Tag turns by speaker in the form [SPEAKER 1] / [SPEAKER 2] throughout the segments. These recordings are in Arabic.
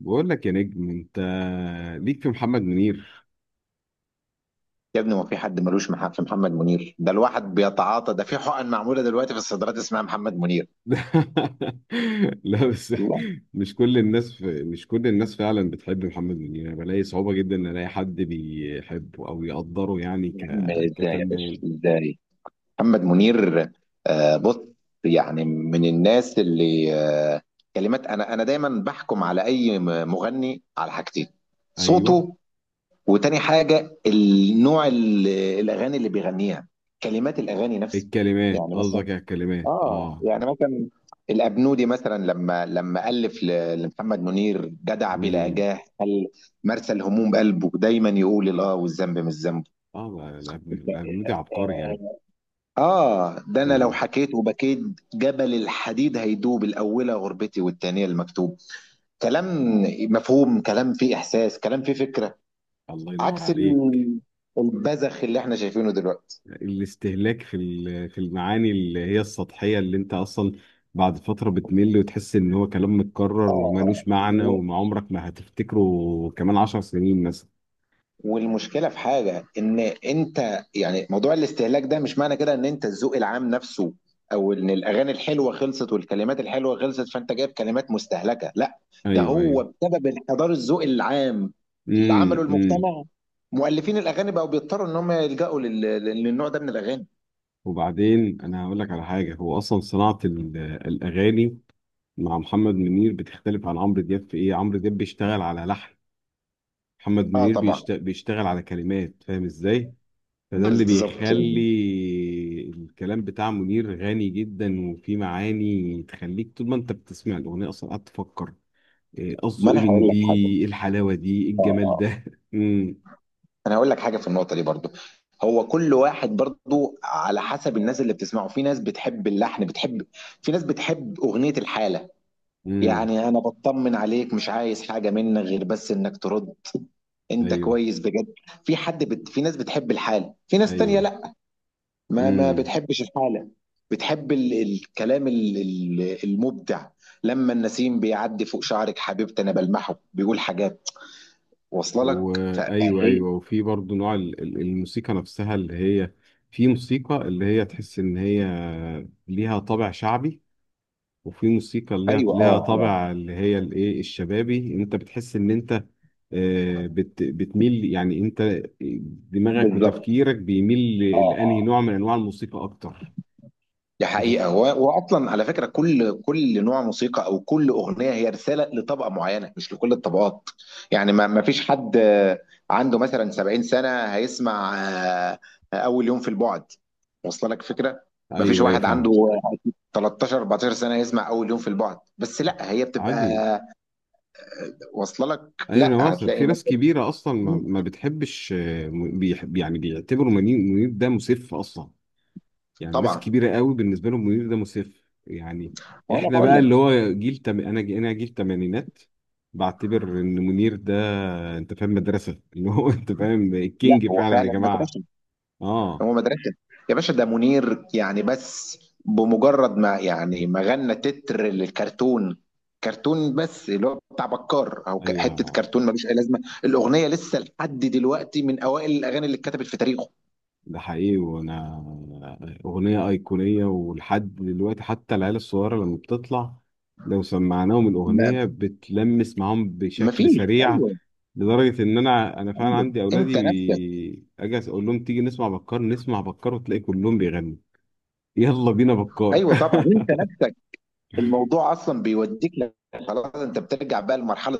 [SPEAKER 1] بقول لك يا نجم، انت ليك في محمد منير.
[SPEAKER 2] يا ابني، ما في حد ملوش محل في محمد منير. ده الواحد بيتعاطى، ده في حقن معموله دلوقتي في الصيدليات اسمها محمد منير.
[SPEAKER 1] لا بس،
[SPEAKER 2] الله.
[SPEAKER 1] مش كل الناس فعلا بتحب محمد منير. انا بلاقي صعوبة جدا ان الاقي حد بيحبه او يقدره، يعني
[SPEAKER 2] يا عم ازاي، يا باشا
[SPEAKER 1] كفنان.
[SPEAKER 2] ازاي؟ محمد منير، آه، بص. يعني من الناس اللي آه كلمات. انا دايما بحكم على اي مغني على حاجتين.
[SPEAKER 1] ايوه،
[SPEAKER 2] صوته، وتاني حاجه النوع الاغاني اللي بيغنيها، كلمات الاغاني نفسها.
[SPEAKER 1] الكلمات،
[SPEAKER 2] يعني مثلا،
[SPEAKER 1] قصدك على الكلمات.
[SPEAKER 2] اه
[SPEAKER 1] اه.
[SPEAKER 2] يعني مثلا، الابنودي مثلا لما الف لمحمد منير جدع بلا
[SPEAKER 1] امم.
[SPEAKER 2] جاه، قال: مرسى الهموم، قلبه دايما يقول الاه، والذنب مش ذنبه.
[SPEAKER 1] اه، لا، لا، الابنودي عبقري يعني.
[SPEAKER 2] اه، ده انا لو
[SPEAKER 1] امم.
[SPEAKER 2] حكيت وبكيت، جبل الحديد هيدوب، الاولى غربتي والتانية المكتوب. كلام مفهوم، كلام فيه احساس، كلام فيه فكرة،
[SPEAKER 1] الله ينور
[SPEAKER 2] عكس
[SPEAKER 1] عليك.
[SPEAKER 2] البذخ اللي احنا شايفينه دلوقتي.
[SPEAKER 1] الاستهلاك في في المعاني اللي هي السطحية، اللي انت اصلا بعد فترة بتمل وتحس ان هو كلام متكرر
[SPEAKER 2] اه، اه.
[SPEAKER 1] ومالوش معنى، وما عمرك ما هتفتكره كمان 10 سنين مثلا.
[SPEAKER 2] والمشكله في حاجه، ان انت يعني موضوع الاستهلاك ده، مش معنى كده ان انت الذوق العام نفسه، او ان الاغاني الحلوه خلصت والكلمات الحلوه خلصت فانت جايب كلمات مستهلكه، لا. ده
[SPEAKER 1] ايوه، ايوه.
[SPEAKER 2] هو بسبب انحدار الذوق العام اللي
[SPEAKER 1] امم،
[SPEAKER 2] عمله
[SPEAKER 1] امم.
[SPEAKER 2] المجتمع. مؤلفين الاغاني بقوا بيضطروا ان هم يلجأوا للنوع ده من الاغاني.
[SPEAKER 1] وبعدين انا هقول لك على حاجة، هو اصلا صناعة الاغاني مع محمد منير بتختلف عن عمرو دياب في ايه. عمرو دياب بيشتغل على لحن، محمد
[SPEAKER 2] اه،
[SPEAKER 1] منير
[SPEAKER 2] طبعا.
[SPEAKER 1] بيشتغل على كلمات. فاهم ازاي؟ فده اللي
[SPEAKER 2] بالظبط.
[SPEAKER 1] بيخلي الكلام بتاع منير غني جدا، وفي معاني تخليك طول ما انت بتسمع الاغنيه اصلا قاعد تفكر، إيه
[SPEAKER 2] ما
[SPEAKER 1] قصده، ايه
[SPEAKER 2] انا
[SPEAKER 1] من
[SPEAKER 2] هقول
[SPEAKER 1] دي،
[SPEAKER 2] لك
[SPEAKER 1] ايه
[SPEAKER 2] حاجه.
[SPEAKER 1] الحلاوه دي، ايه
[SPEAKER 2] اه،
[SPEAKER 1] الجمال
[SPEAKER 2] آه.
[SPEAKER 1] ده. امم،
[SPEAKER 2] انا هقول لك حاجه في النقطه دي برضو. هو كل واحد برضو على حسب الناس اللي بتسمعه، في ناس بتحب اللحن، بتحب. في ناس بتحب اغنيه الحاله.
[SPEAKER 1] امم.
[SPEAKER 2] يعني انا بطمن عليك، مش عايز حاجه منك غير بس انك ترد، انت
[SPEAKER 1] ايوه،
[SPEAKER 2] كويس بجد؟ في ناس بتحب الحاله، في ناس تانية
[SPEAKER 1] ايوه.
[SPEAKER 2] لا، ما
[SPEAKER 1] امم.
[SPEAKER 2] بتحبش الحاله. بتحب الكلام المبدع. لما النسيم بيعدي فوق شعرك حبيبتي، انا بلمحه بيقول حاجات، واصله لك ف...
[SPEAKER 1] وايوه، ايوه،
[SPEAKER 2] فهي-
[SPEAKER 1] أيوه، وفي برضه نوع الموسيقى نفسها اللي هي، في موسيقى اللي هي تحس ان هي ليها طابع شعبي، وفي موسيقى اللي هي
[SPEAKER 2] ايوه،
[SPEAKER 1] ليها
[SPEAKER 2] اه، اه،
[SPEAKER 1] طابع اللي هي الايه الشبابي، ان انت بتحس ان انت بتميل. يعني انت دماغك
[SPEAKER 2] بالظبط.
[SPEAKER 1] وتفكيرك بيميل لانهي نوع من انواع الموسيقى اكتر.
[SPEAKER 2] دي
[SPEAKER 1] بت...
[SPEAKER 2] حقيقة، وأصلا على فكرة كل كل نوع موسيقى أو كل أغنية هي رسالة لطبقة معينة مش لكل الطبقات. يعني ما فيش حد، عنده مثلا 70 سنة هيسمع، أول يوم في البعد. واصله لك فكرة. ما فيش
[SPEAKER 1] ايوه ايوه،
[SPEAKER 2] واحد عنده
[SPEAKER 1] فاهم.
[SPEAKER 2] 13 14 سنة يسمع أول يوم في البعد، بس لا، هي بتبقى
[SPEAKER 1] عادي.
[SPEAKER 2] واصله لك،
[SPEAKER 1] ايوه، انا
[SPEAKER 2] لا،
[SPEAKER 1] واصل.
[SPEAKER 2] هتلاقي
[SPEAKER 1] في ناس
[SPEAKER 2] مثلا.
[SPEAKER 1] كبيره اصلا ما,
[SPEAKER 2] مم.
[SPEAKER 1] ما بتحبش، بيحب يعني، بيعتبروا منير ده مسف اصلا. يعني الناس
[SPEAKER 2] طبعا.
[SPEAKER 1] الكبيره قوي بالنسبه لهم منير ده مسف يعني.
[SPEAKER 2] وأنا
[SPEAKER 1] احنا
[SPEAKER 2] بقول
[SPEAKER 1] بقى اللي
[SPEAKER 2] لك.
[SPEAKER 1] هو جيل تم... انا ج- انا جيل تمانينات، بعتبر ان منير ده، انت فاهم، مدرسه اللي هو انت فاهم
[SPEAKER 2] لا،
[SPEAKER 1] الكينج
[SPEAKER 2] هو
[SPEAKER 1] فعلا يا
[SPEAKER 2] فعلا
[SPEAKER 1] جماعه.
[SPEAKER 2] مدرسة.
[SPEAKER 1] اه.
[SPEAKER 2] هو مدرسة. يا باشا، ده منير يعني، بس بمجرد ما يعني ما غنى تتر للكرتون، كرتون بس اللي هو بتاع بكار او حته
[SPEAKER 1] ايوه.
[SPEAKER 2] كرتون ملوش اي لازمه، الاغنيه لسه لحد دلوقتي من اوائل الاغاني اللي اتكتبت في تاريخه.
[SPEAKER 1] ده حقيقي، وانا، اغنيه ايقونيه ولحد دلوقتي حتى العيال الصغيره لما بتطلع لو سمعناهم
[SPEAKER 2] ما
[SPEAKER 1] الاغنيه بتلمس معاهم
[SPEAKER 2] ما
[SPEAKER 1] بشكل
[SPEAKER 2] فيش.
[SPEAKER 1] سريع.
[SPEAKER 2] ايوه.
[SPEAKER 1] لدرجه ان انا فعلا
[SPEAKER 2] ايوه،
[SPEAKER 1] عندي
[SPEAKER 2] انت
[SPEAKER 1] اولادي
[SPEAKER 2] نفسك.
[SPEAKER 1] اجي اقول لهم تيجي نسمع بكار، نسمع بكار، وتلاقي كلهم بيغنوا. يلا بينا بكار.
[SPEAKER 2] ايوه، طبعا، انت نفسك. الموضوع اصلا بيوديك. خلاص، انت بترجع بقى لمرحله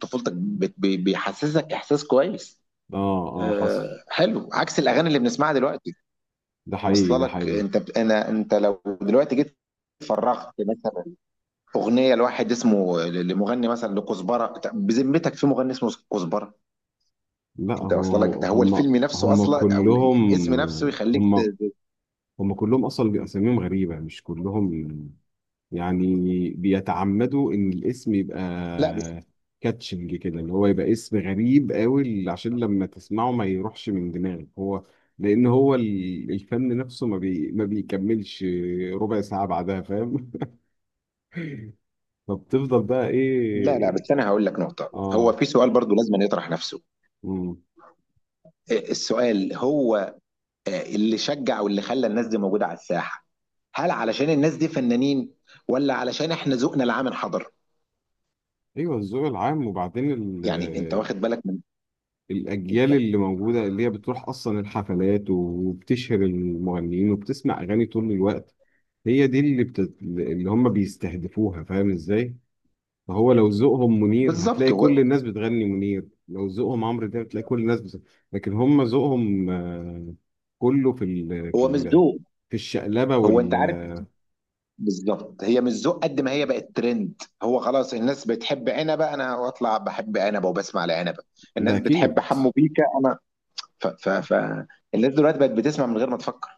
[SPEAKER 2] طفولتك، بيحسسك احساس كويس.
[SPEAKER 1] اه، اه، حصل.
[SPEAKER 2] آه، حلو، عكس الاغاني اللي بنسمعها دلوقتي.
[SPEAKER 1] ده حقيقي،
[SPEAKER 2] واصله
[SPEAKER 1] ده
[SPEAKER 2] لك.
[SPEAKER 1] حقيقي.
[SPEAKER 2] انت بت... انا انت لو دلوقتي جيت فرغت مثلا اغنيه لواحد اسمه، لمغني مثلا لكزبره، طب بذمتك في مغني اسمه كزبره؟
[SPEAKER 1] لا،
[SPEAKER 2] انت واصله لك، ده هو الفيلم نفسه
[SPEAKER 1] هم
[SPEAKER 2] اصلا، او الاسم نفسه
[SPEAKER 1] كلهم
[SPEAKER 2] يخليك.
[SPEAKER 1] هم هم كلهم اصلا بيبقى اساميهم غريبه، مش كلهم يعني، بيتعمدوا ان الاسم يبقى
[SPEAKER 2] لا بس.
[SPEAKER 1] كاتشنج كده، اللي هو يبقى اسم غريب قوي عشان لما تسمعه ما يروحش من دماغك هو، لان هو الفن نفسه ما بيكملش ربع ساعة بعدها، فاهم. فبتفضل بقى
[SPEAKER 2] لا، لا،
[SPEAKER 1] ايه.
[SPEAKER 2] بس انا هقول لك نقطه، هو
[SPEAKER 1] اه.
[SPEAKER 2] في سؤال برضو لازم أن يطرح نفسه.
[SPEAKER 1] مم.
[SPEAKER 2] إيه السؤال؟ هو اللي شجع واللي خلى الناس دي موجوده على الساحه، هل علشان الناس دي فنانين، ولا علشان احنا ذوقنا العام انحدر؟
[SPEAKER 1] ايوه، الذوق العام. وبعدين
[SPEAKER 2] يعني انت
[SPEAKER 1] ال-
[SPEAKER 2] واخد بالك من.
[SPEAKER 1] الاجيال اللي موجوده، اللي هي بتروح اصلا الحفلات وبتشهر المغنيين وبتسمع اغاني طول الوقت، هي دي اللي اللي هم بيستهدفوها، فاهم ازاي؟ فهو لو ذوقهم منير
[SPEAKER 2] بالظبط،
[SPEAKER 1] هتلاقي كل
[SPEAKER 2] هو.
[SPEAKER 1] الناس بتغني منير، لو ذوقهم عمرو دياب هتلاقي كل الناس لكن هم ذوقهم كله في
[SPEAKER 2] هو مش ذوق.
[SPEAKER 1] في الشقلبة
[SPEAKER 2] هو، انت
[SPEAKER 1] وال.
[SPEAKER 2] عارف، بالظبط، هي مش ذوق قد ما هي بقت ترند، هو خلاص الناس بتحب عنبه، انا اطلع بحب عنبه وبسمع لعنبه.
[SPEAKER 1] ده
[SPEAKER 2] الناس
[SPEAKER 1] أكيد.
[SPEAKER 2] بتحب حمو بيكا، انا ف. الناس دلوقتي بقت بتسمع من غير ما تفكر،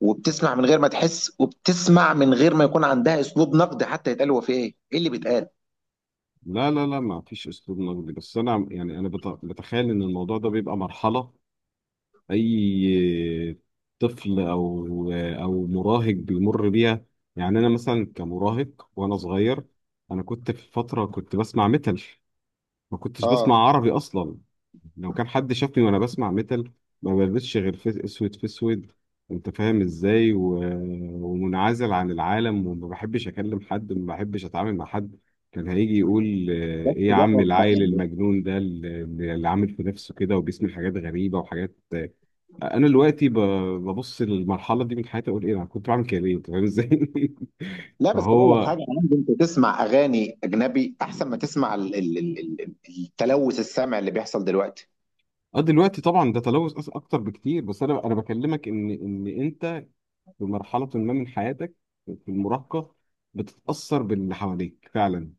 [SPEAKER 2] وبتسمع من غير ما تحس، وبتسمع من غير ما يكون عندها اسلوب نقد، حتى يتقال هو في ايه اللي بيتقال.
[SPEAKER 1] لا، لا، لا، ما فيش أسلوب نقدي، بس أنا يعني أنا بتخيل إن الموضوع ده بيبقى مرحلة اي طفل او مراهق بيمر بيها. يعني انا مثلا كمراهق وانا صغير، انا كنت في فتره كنت بسمع ميتال، ما كنتش بسمع
[SPEAKER 2] اه،
[SPEAKER 1] عربي اصلا. لو كان حد شافني وانا بسمع ميتال ما بلبسش غير في اسود، في اسود. انت فاهم ازاي ومنعزل عن العالم، وما بحبش اكلم حد، ما بحبش اتعامل مع حد. كان هيجي يقول
[SPEAKER 2] بس
[SPEAKER 1] ايه يا
[SPEAKER 2] ده
[SPEAKER 1] عم
[SPEAKER 2] بقى
[SPEAKER 1] العيل
[SPEAKER 2] يعني.
[SPEAKER 1] المجنون ده اللي عامل في نفسه كده وبيسمع حاجات غريبه وحاجات. انا دلوقتي ببص للمرحله دي من حياتي اقول ايه انا كنت بعمل كده ليه، انت فاهم ازاي؟
[SPEAKER 2] لا بس اقول لك
[SPEAKER 1] فهو،
[SPEAKER 2] حاجه يا عم، انت تسمع اغاني اجنبي احسن ما تسمع التلوث السمع اللي بيحصل دلوقتي.
[SPEAKER 1] اه، دلوقتي طبعا ده تلوث اكتر بكتير، بس انا بكلمك ان انت في مرحله ما من حياتك، في المراهقه بتتاثر باللي حواليك فعلا.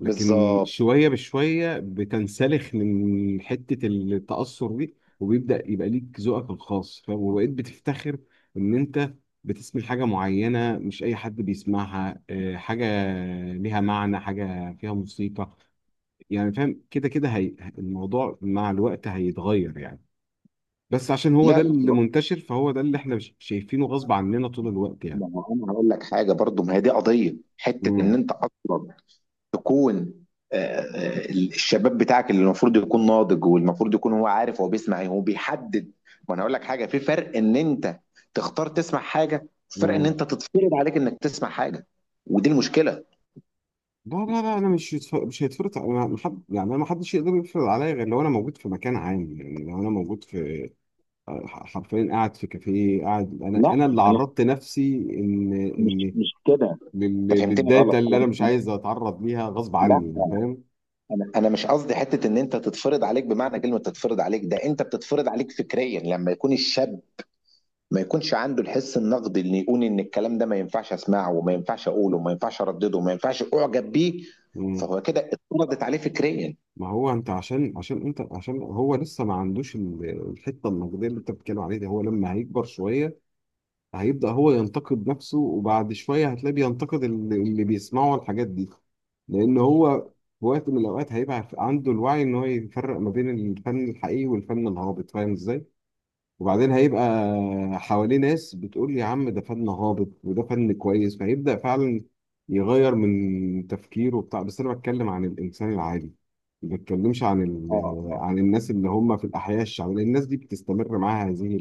[SPEAKER 1] لكن
[SPEAKER 2] بالظبط.
[SPEAKER 1] شوية بشوية بتنسلخ من حتة التأثر دي، وبيبدأ يبقى ليك ذوقك الخاص، فاهم، وبقيت بتفتخر إن أنت بتسمع حاجة معينة مش أي حد بيسمعها، حاجة ليها معنى، حاجة فيها موسيقى. يعني فاهم. كده كده هي، الموضوع مع الوقت هيتغير يعني، بس عشان هو ده
[SPEAKER 2] لا،
[SPEAKER 1] اللي
[SPEAKER 2] لا.
[SPEAKER 1] منتشر فهو ده اللي احنا شايفينه غصب عننا طول الوقت يعني.
[SPEAKER 2] ما هو انا هقول لك حاجه برضو، ما هي دي قضيه حته ان
[SPEAKER 1] مم.
[SPEAKER 2] انت اصلا تكون، الشباب بتاعك اللي المفروض يكون ناضج، والمفروض يكون هو عارف هو بيسمع ايه، هو بيحدد. وانا هقول لك حاجه، في فرق ان انت تختار تسمع حاجه، فرق ان انت تتفرض عليك انك تسمع حاجه، ودي المشكله.
[SPEAKER 1] لا، لا، لا، انا مش مش هيتفرض، انا محد، يعني انا محدش يقدر يفرض عليا غير لو انا موجود في مكان عام، يعني لو انا موجود في حرفيا قاعد في كافيه قاعد، انا
[SPEAKER 2] لا،
[SPEAKER 1] انا اللي
[SPEAKER 2] انا
[SPEAKER 1] عرضت نفسي ان
[SPEAKER 2] مش
[SPEAKER 1] ان
[SPEAKER 2] مش كده. انت فهمتني غلط.
[SPEAKER 1] للداتا اللي انا مش
[SPEAKER 2] انا،
[SPEAKER 1] عايز اتعرض ليها غصب
[SPEAKER 2] لا،
[SPEAKER 1] عني، فاهم.
[SPEAKER 2] انا مش قصدي حته ان انت تتفرض عليك بمعنى كلمه تتفرض عليك، ده انت بتتفرض عليك فكريا لما يكون الشاب ما يكونش عنده الحس النقدي اللي يقول ان الكلام ده ما ينفعش اسمعه، وما ينفعش اقوله، وما ينفعش اردده، وما ينفعش اعجب بيه،
[SPEAKER 1] مم.
[SPEAKER 2] فهو كده اتفرضت عليه فكريا.
[SPEAKER 1] ما هو انت، عشان انت عشان هو لسه ما عندوش الحته النقديه اللي انت بتتكلم عليها دي، هو لما هيكبر شويه هيبدأ هو ينتقد نفسه، وبعد شوية هتلاقيه بينتقد اللي بيسمعوا الحاجات دي. لأن هو في وقت من الأوقات هيبقى عنده الوعي إن هو يفرق ما بين الفن الحقيقي والفن الهابط، فاهم إزاي؟ وبعدين هيبقى حواليه ناس بتقول يا عم ده فن هابط وده فن كويس، فهيبدأ فعلا يغير من تفكيره وبتاع، بس أنا بتكلم عن الإنسان العادي، ما بتكلمش عن
[SPEAKER 2] اه، اه.
[SPEAKER 1] عن الناس اللي هم في الأحياء الشعبية، لأن الناس دي بتستمر معاها هذه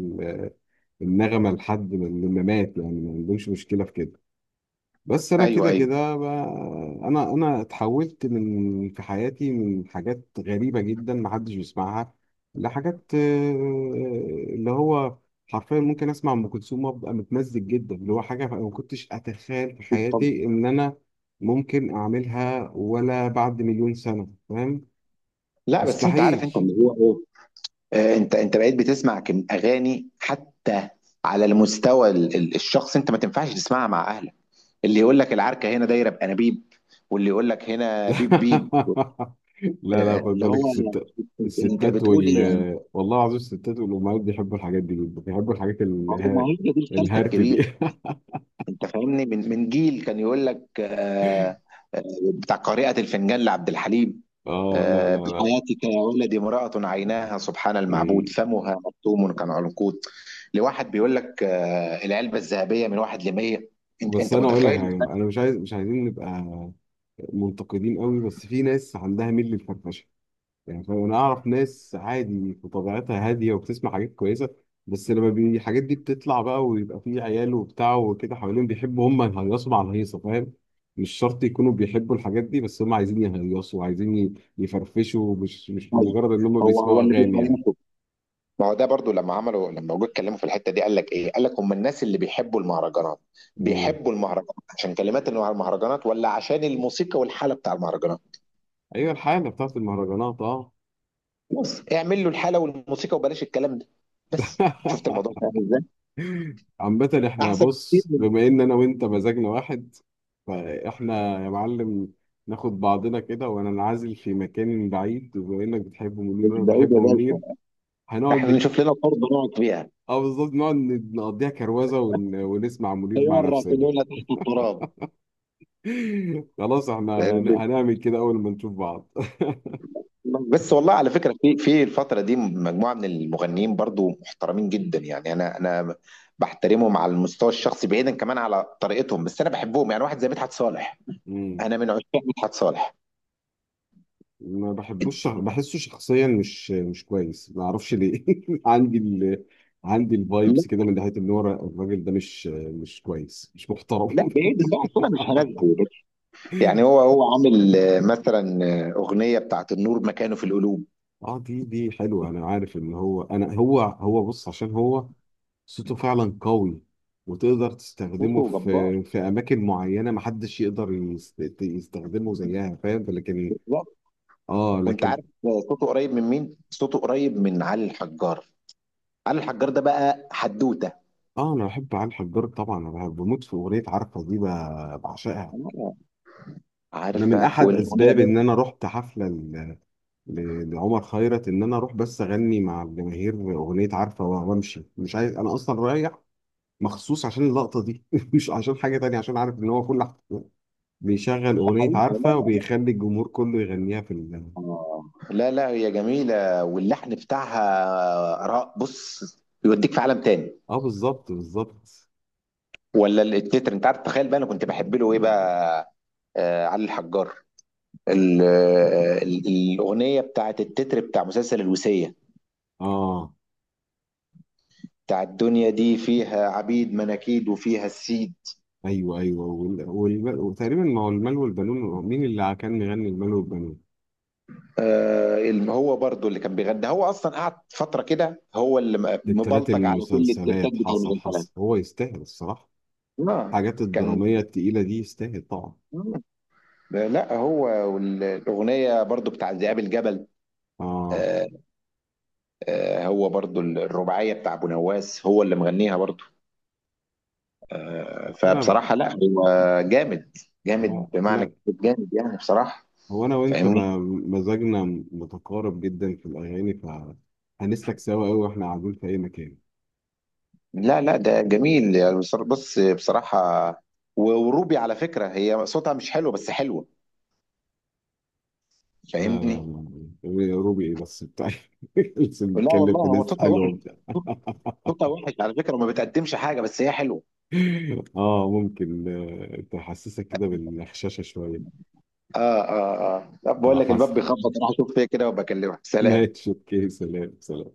[SPEAKER 1] النغمة لحد لما مات يعني، ما عندهمش مشكلة في كده. بس أنا
[SPEAKER 2] ايوه،
[SPEAKER 1] كده
[SPEAKER 2] ايوه.
[SPEAKER 1] كده أنا اتحولت من في حياتي من حاجات غريبة جدا محدش بيسمعها، لحاجات اللي هو حرفيا ممكن أسمع أم كلثوم وأبقى متمزج جدا، اللي هو حاجة ما كنتش أتخيل في
[SPEAKER 2] طب.
[SPEAKER 1] حياتي إن أنا ممكن أعملها ولا بعد مليون سنة، فاهم.
[SPEAKER 2] لا بس انت عارف
[SPEAKER 1] مستحيل.
[SPEAKER 2] انت اللي هو ايه، انت بقيت بتسمع كم اغاني حتى، على المستوى الشخص، انت ما تنفعش تسمعها مع اهلك، اللي يقول لك: العركه هنا دايره بانابيب، واللي يقول لك: هنا بيب بيب.
[SPEAKER 1] لا، لا،
[SPEAKER 2] آه،
[SPEAKER 1] خد
[SPEAKER 2] اللي
[SPEAKER 1] بالك
[SPEAKER 2] هو
[SPEAKER 1] الستات،
[SPEAKER 2] انت
[SPEAKER 1] الستات
[SPEAKER 2] بتقول ايه يعني؟
[SPEAKER 1] والله العظيم الستات والأمهات بيحبوا الحاجات دي جدا، بيحبوا الحاجات
[SPEAKER 2] ما هو هي دي الكارثه
[SPEAKER 1] الهرت دي.
[SPEAKER 2] الكبيره. انت فاهمني، من جيل كان يقول لك، آه، بتاع قارئة الفنجان لعبد الحليم،
[SPEAKER 1] اه، لا، لا، لا.
[SPEAKER 2] بحياتك يا ولدي، امرأة عيناها سبحان المعبود،
[SPEAKER 1] إيه.
[SPEAKER 2] فمها مكتوم كالعنقود، لواحد بيقول لك العلبة الذهبية من واحد لمية. انت
[SPEAKER 1] بس
[SPEAKER 2] انت
[SPEAKER 1] انا اقول لك
[SPEAKER 2] متخيل؟
[SPEAKER 1] حاجه، انا مش عايزين نبقى منتقدين قوي، بس في ناس عندها ميل للفرفشه. يعني فانا اعرف ناس عادي في طبيعتها هاديه وبتسمع حاجات كويسه، بس لما الحاجات دي بتطلع بقى، ويبقى فيه عيال وبتاع وكده حوالين بيحبوا هم يهيصوا مع الهيصه، فاهم. مش شرط يكونوا بيحبوا الحاجات دي، بس هم عايزين يهيصوا وعايزين يفرفشوا، مش
[SPEAKER 2] طيب،
[SPEAKER 1] مجرد ان هم
[SPEAKER 2] هو هو
[SPEAKER 1] بيسمعوا
[SPEAKER 2] اللي
[SPEAKER 1] اغاني يعني.
[SPEAKER 2] بيخلصه؟ ما هو ده برضو، لما عملوا، لما جم اتكلموا في الحته دي، قال لك ايه؟ قال لك هم الناس اللي بيحبوا المهرجانات،
[SPEAKER 1] امم.
[SPEAKER 2] بيحبوا المهرجانات عشان كلمات المهرجانات ولا عشان الموسيقى والحاله بتاع المهرجانات؟
[SPEAKER 1] ايوه الحاله بتاعت المهرجانات. اه.
[SPEAKER 2] بص اعمل له الحاله والموسيقى وبلاش الكلام ده. بس شفت الموضوع ده عامل ازاي؟
[SPEAKER 1] عامة احنا
[SPEAKER 2] احسن كتير
[SPEAKER 1] بص،
[SPEAKER 2] من-
[SPEAKER 1] بما ان انا وانت مزاجنا واحد فاحنا يا معلم ناخد بعضنا كده وانا انعزل في مكان بعيد، وبما انك بتحب منير
[SPEAKER 2] مش
[SPEAKER 1] وانا
[SPEAKER 2] بعيد
[SPEAKER 1] بحب
[SPEAKER 2] يا باشا،
[SPEAKER 1] منير هنقعد
[SPEAKER 2] احنا نشوف لنا ارض نقعد فيها،
[SPEAKER 1] اه بالظبط، نقعد نقضيها كروزة ونسمع منير مع
[SPEAKER 2] طياره
[SPEAKER 1] نفسنا.
[SPEAKER 2] تقولنا تحت التراب.
[SPEAKER 1] خلاص احنا هنعمل كده اول ما نشوف بعض.
[SPEAKER 2] بس والله، على فكره، في في الفتره دي مجموعه من المغنيين برضو محترمين جدا، يعني انا بحترمهم على المستوى الشخصي بعيدا كمان على طريقتهم، بس انا بحبهم، يعني واحد زي مدحت صالح.
[SPEAKER 1] مم.
[SPEAKER 2] انا من عشاق مدحت صالح.
[SPEAKER 1] ما بحبوش، بحسه شخصيا مش كويس، ما اعرفش ليه. عندي عندي
[SPEAKER 2] لا،
[SPEAKER 1] الفايبس كده من ناحيه ان هو الراجل ده مش كويس، مش محترم.
[SPEAKER 2] لا، بعيد بقى، الصوره مش هناسبه. يعني هو هو عامل، مثلا، أغنية بتاعت النور مكانه في القلوب.
[SPEAKER 1] اه، دي حلوه، انا عارف ان هو، انا هو هو بص، عشان هو صوته فعلا قوي، وتقدر تستخدمه
[SPEAKER 2] صوته جبار.
[SPEAKER 1] في اماكن معينه محدش يقدر يستخدمه زيها، فاهم. لكن.
[SPEAKER 2] جبار.
[SPEAKER 1] اه
[SPEAKER 2] وانت
[SPEAKER 1] لكن.
[SPEAKER 2] عارف، صوته قريب من مين؟ صوته قريب من علي الحجار. علي الحجار ده بقى حدوتة.
[SPEAKER 1] اه، انا بحب علي الحجار طبعا، انا بموت في اغنيه عارفه دي بعشقها.
[SPEAKER 2] آه.
[SPEAKER 1] انا من
[SPEAKER 2] عارفة،
[SPEAKER 1] احد
[SPEAKER 2] والأغنية
[SPEAKER 1] اسباب
[SPEAKER 2] برضه.
[SPEAKER 1] ان انا رحت حفله لعمر خيرت ان انا اروح بس اغني مع الجماهير اغنيه عارفه وامشي، مش عايز انا اصلا رايح مخصوص عشان اللقطه دي مش عشان حاجه تانية، عشان عارف ان هو بيشغل
[SPEAKER 2] ده
[SPEAKER 1] اغنيه
[SPEAKER 2] حقيقة، لا،
[SPEAKER 1] عارفه
[SPEAKER 2] لا.
[SPEAKER 1] وبيخلي الجمهور كله يغنيها في
[SPEAKER 2] آه. لا، لا، هي جميلة واللحن بتاعها، بص، يوديك في عالم تاني.
[SPEAKER 1] اه بالظبط بالظبط.
[SPEAKER 2] ولا التتر، انت عارف، تخيل بقى انا كنت بحب له ايه بقى، آه، علي الحجار، الأغنية بتاعت التتر بتاع مسلسل الوصية،
[SPEAKER 1] اه،
[SPEAKER 2] بتاع الدنيا دي فيها عبيد مناكيد وفيها السيد.
[SPEAKER 1] ايوه، ايوه، وتقريبا، ما هو المال والبنون، مين اللي كان مغني المال والبنون؟
[SPEAKER 2] هو برضو اللي كان بيغني، هو اصلا قعد فتره كده، هو اللي
[SPEAKER 1] تترات
[SPEAKER 2] مبلطج على كل الترتاج
[SPEAKER 1] المسلسلات،
[SPEAKER 2] بتاع
[SPEAKER 1] حصل
[SPEAKER 2] المغني.
[SPEAKER 1] حصل، هو يستاهل الصراحه
[SPEAKER 2] اه،
[SPEAKER 1] الحاجات
[SPEAKER 2] كان،
[SPEAKER 1] الدرامية التقيلة دي، يستاهل طبعا.
[SPEAKER 2] لا هو، والاغنيه برضو بتاع ذئاب الجبل.
[SPEAKER 1] اه،
[SPEAKER 2] آه. هو برضو الرباعيه بتاع ابو نواس هو اللي مغنيها برضو.
[SPEAKER 1] انا
[SPEAKER 2] فبصراحه لا، هو جامد،
[SPEAKER 1] لا
[SPEAKER 2] جامد بمعنى
[SPEAKER 1] احنا،
[SPEAKER 2] كلمة جامد، يعني بصراحه.
[SPEAKER 1] هو انا وانت
[SPEAKER 2] فاهمني؟
[SPEAKER 1] ما... مزاجنا متقارب جدا في الاغاني، فهنسلك سوا قوي واحنا قاعدين في اي مكان.
[SPEAKER 2] لا، لا، ده جميل، يعني بص، بصراحة. وروبي، على فكرة، هي صوتها مش حلو بس حلوة.
[SPEAKER 1] لا، لا،
[SPEAKER 2] فاهمني؟
[SPEAKER 1] لا، لا. روبي ايه بس بتاع. لسه
[SPEAKER 2] لا
[SPEAKER 1] بنتكلم
[SPEAKER 2] والله،
[SPEAKER 1] في
[SPEAKER 2] هو
[SPEAKER 1] ناس
[SPEAKER 2] صوتها
[SPEAKER 1] حلوه
[SPEAKER 2] وحش،
[SPEAKER 1] وبتاع.
[SPEAKER 2] صوتها وحش على فكرة، وما بتقدمش حاجة بس هي حلوة.
[SPEAKER 1] اه، ممكن تحسسك كده بالغشاشة شوية.
[SPEAKER 2] اه، اه، اه. لا، بقول
[SPEAKER 1] اه،
[SPEAKER 2] لك الباب
[SPEAKER 1] حصل.
[SPEAKER 2] بيخبط، راح اشوف فيها كده وبكلمك، سلام.
[SPEAKER 1] ماشي اوكي، سلام، سلام.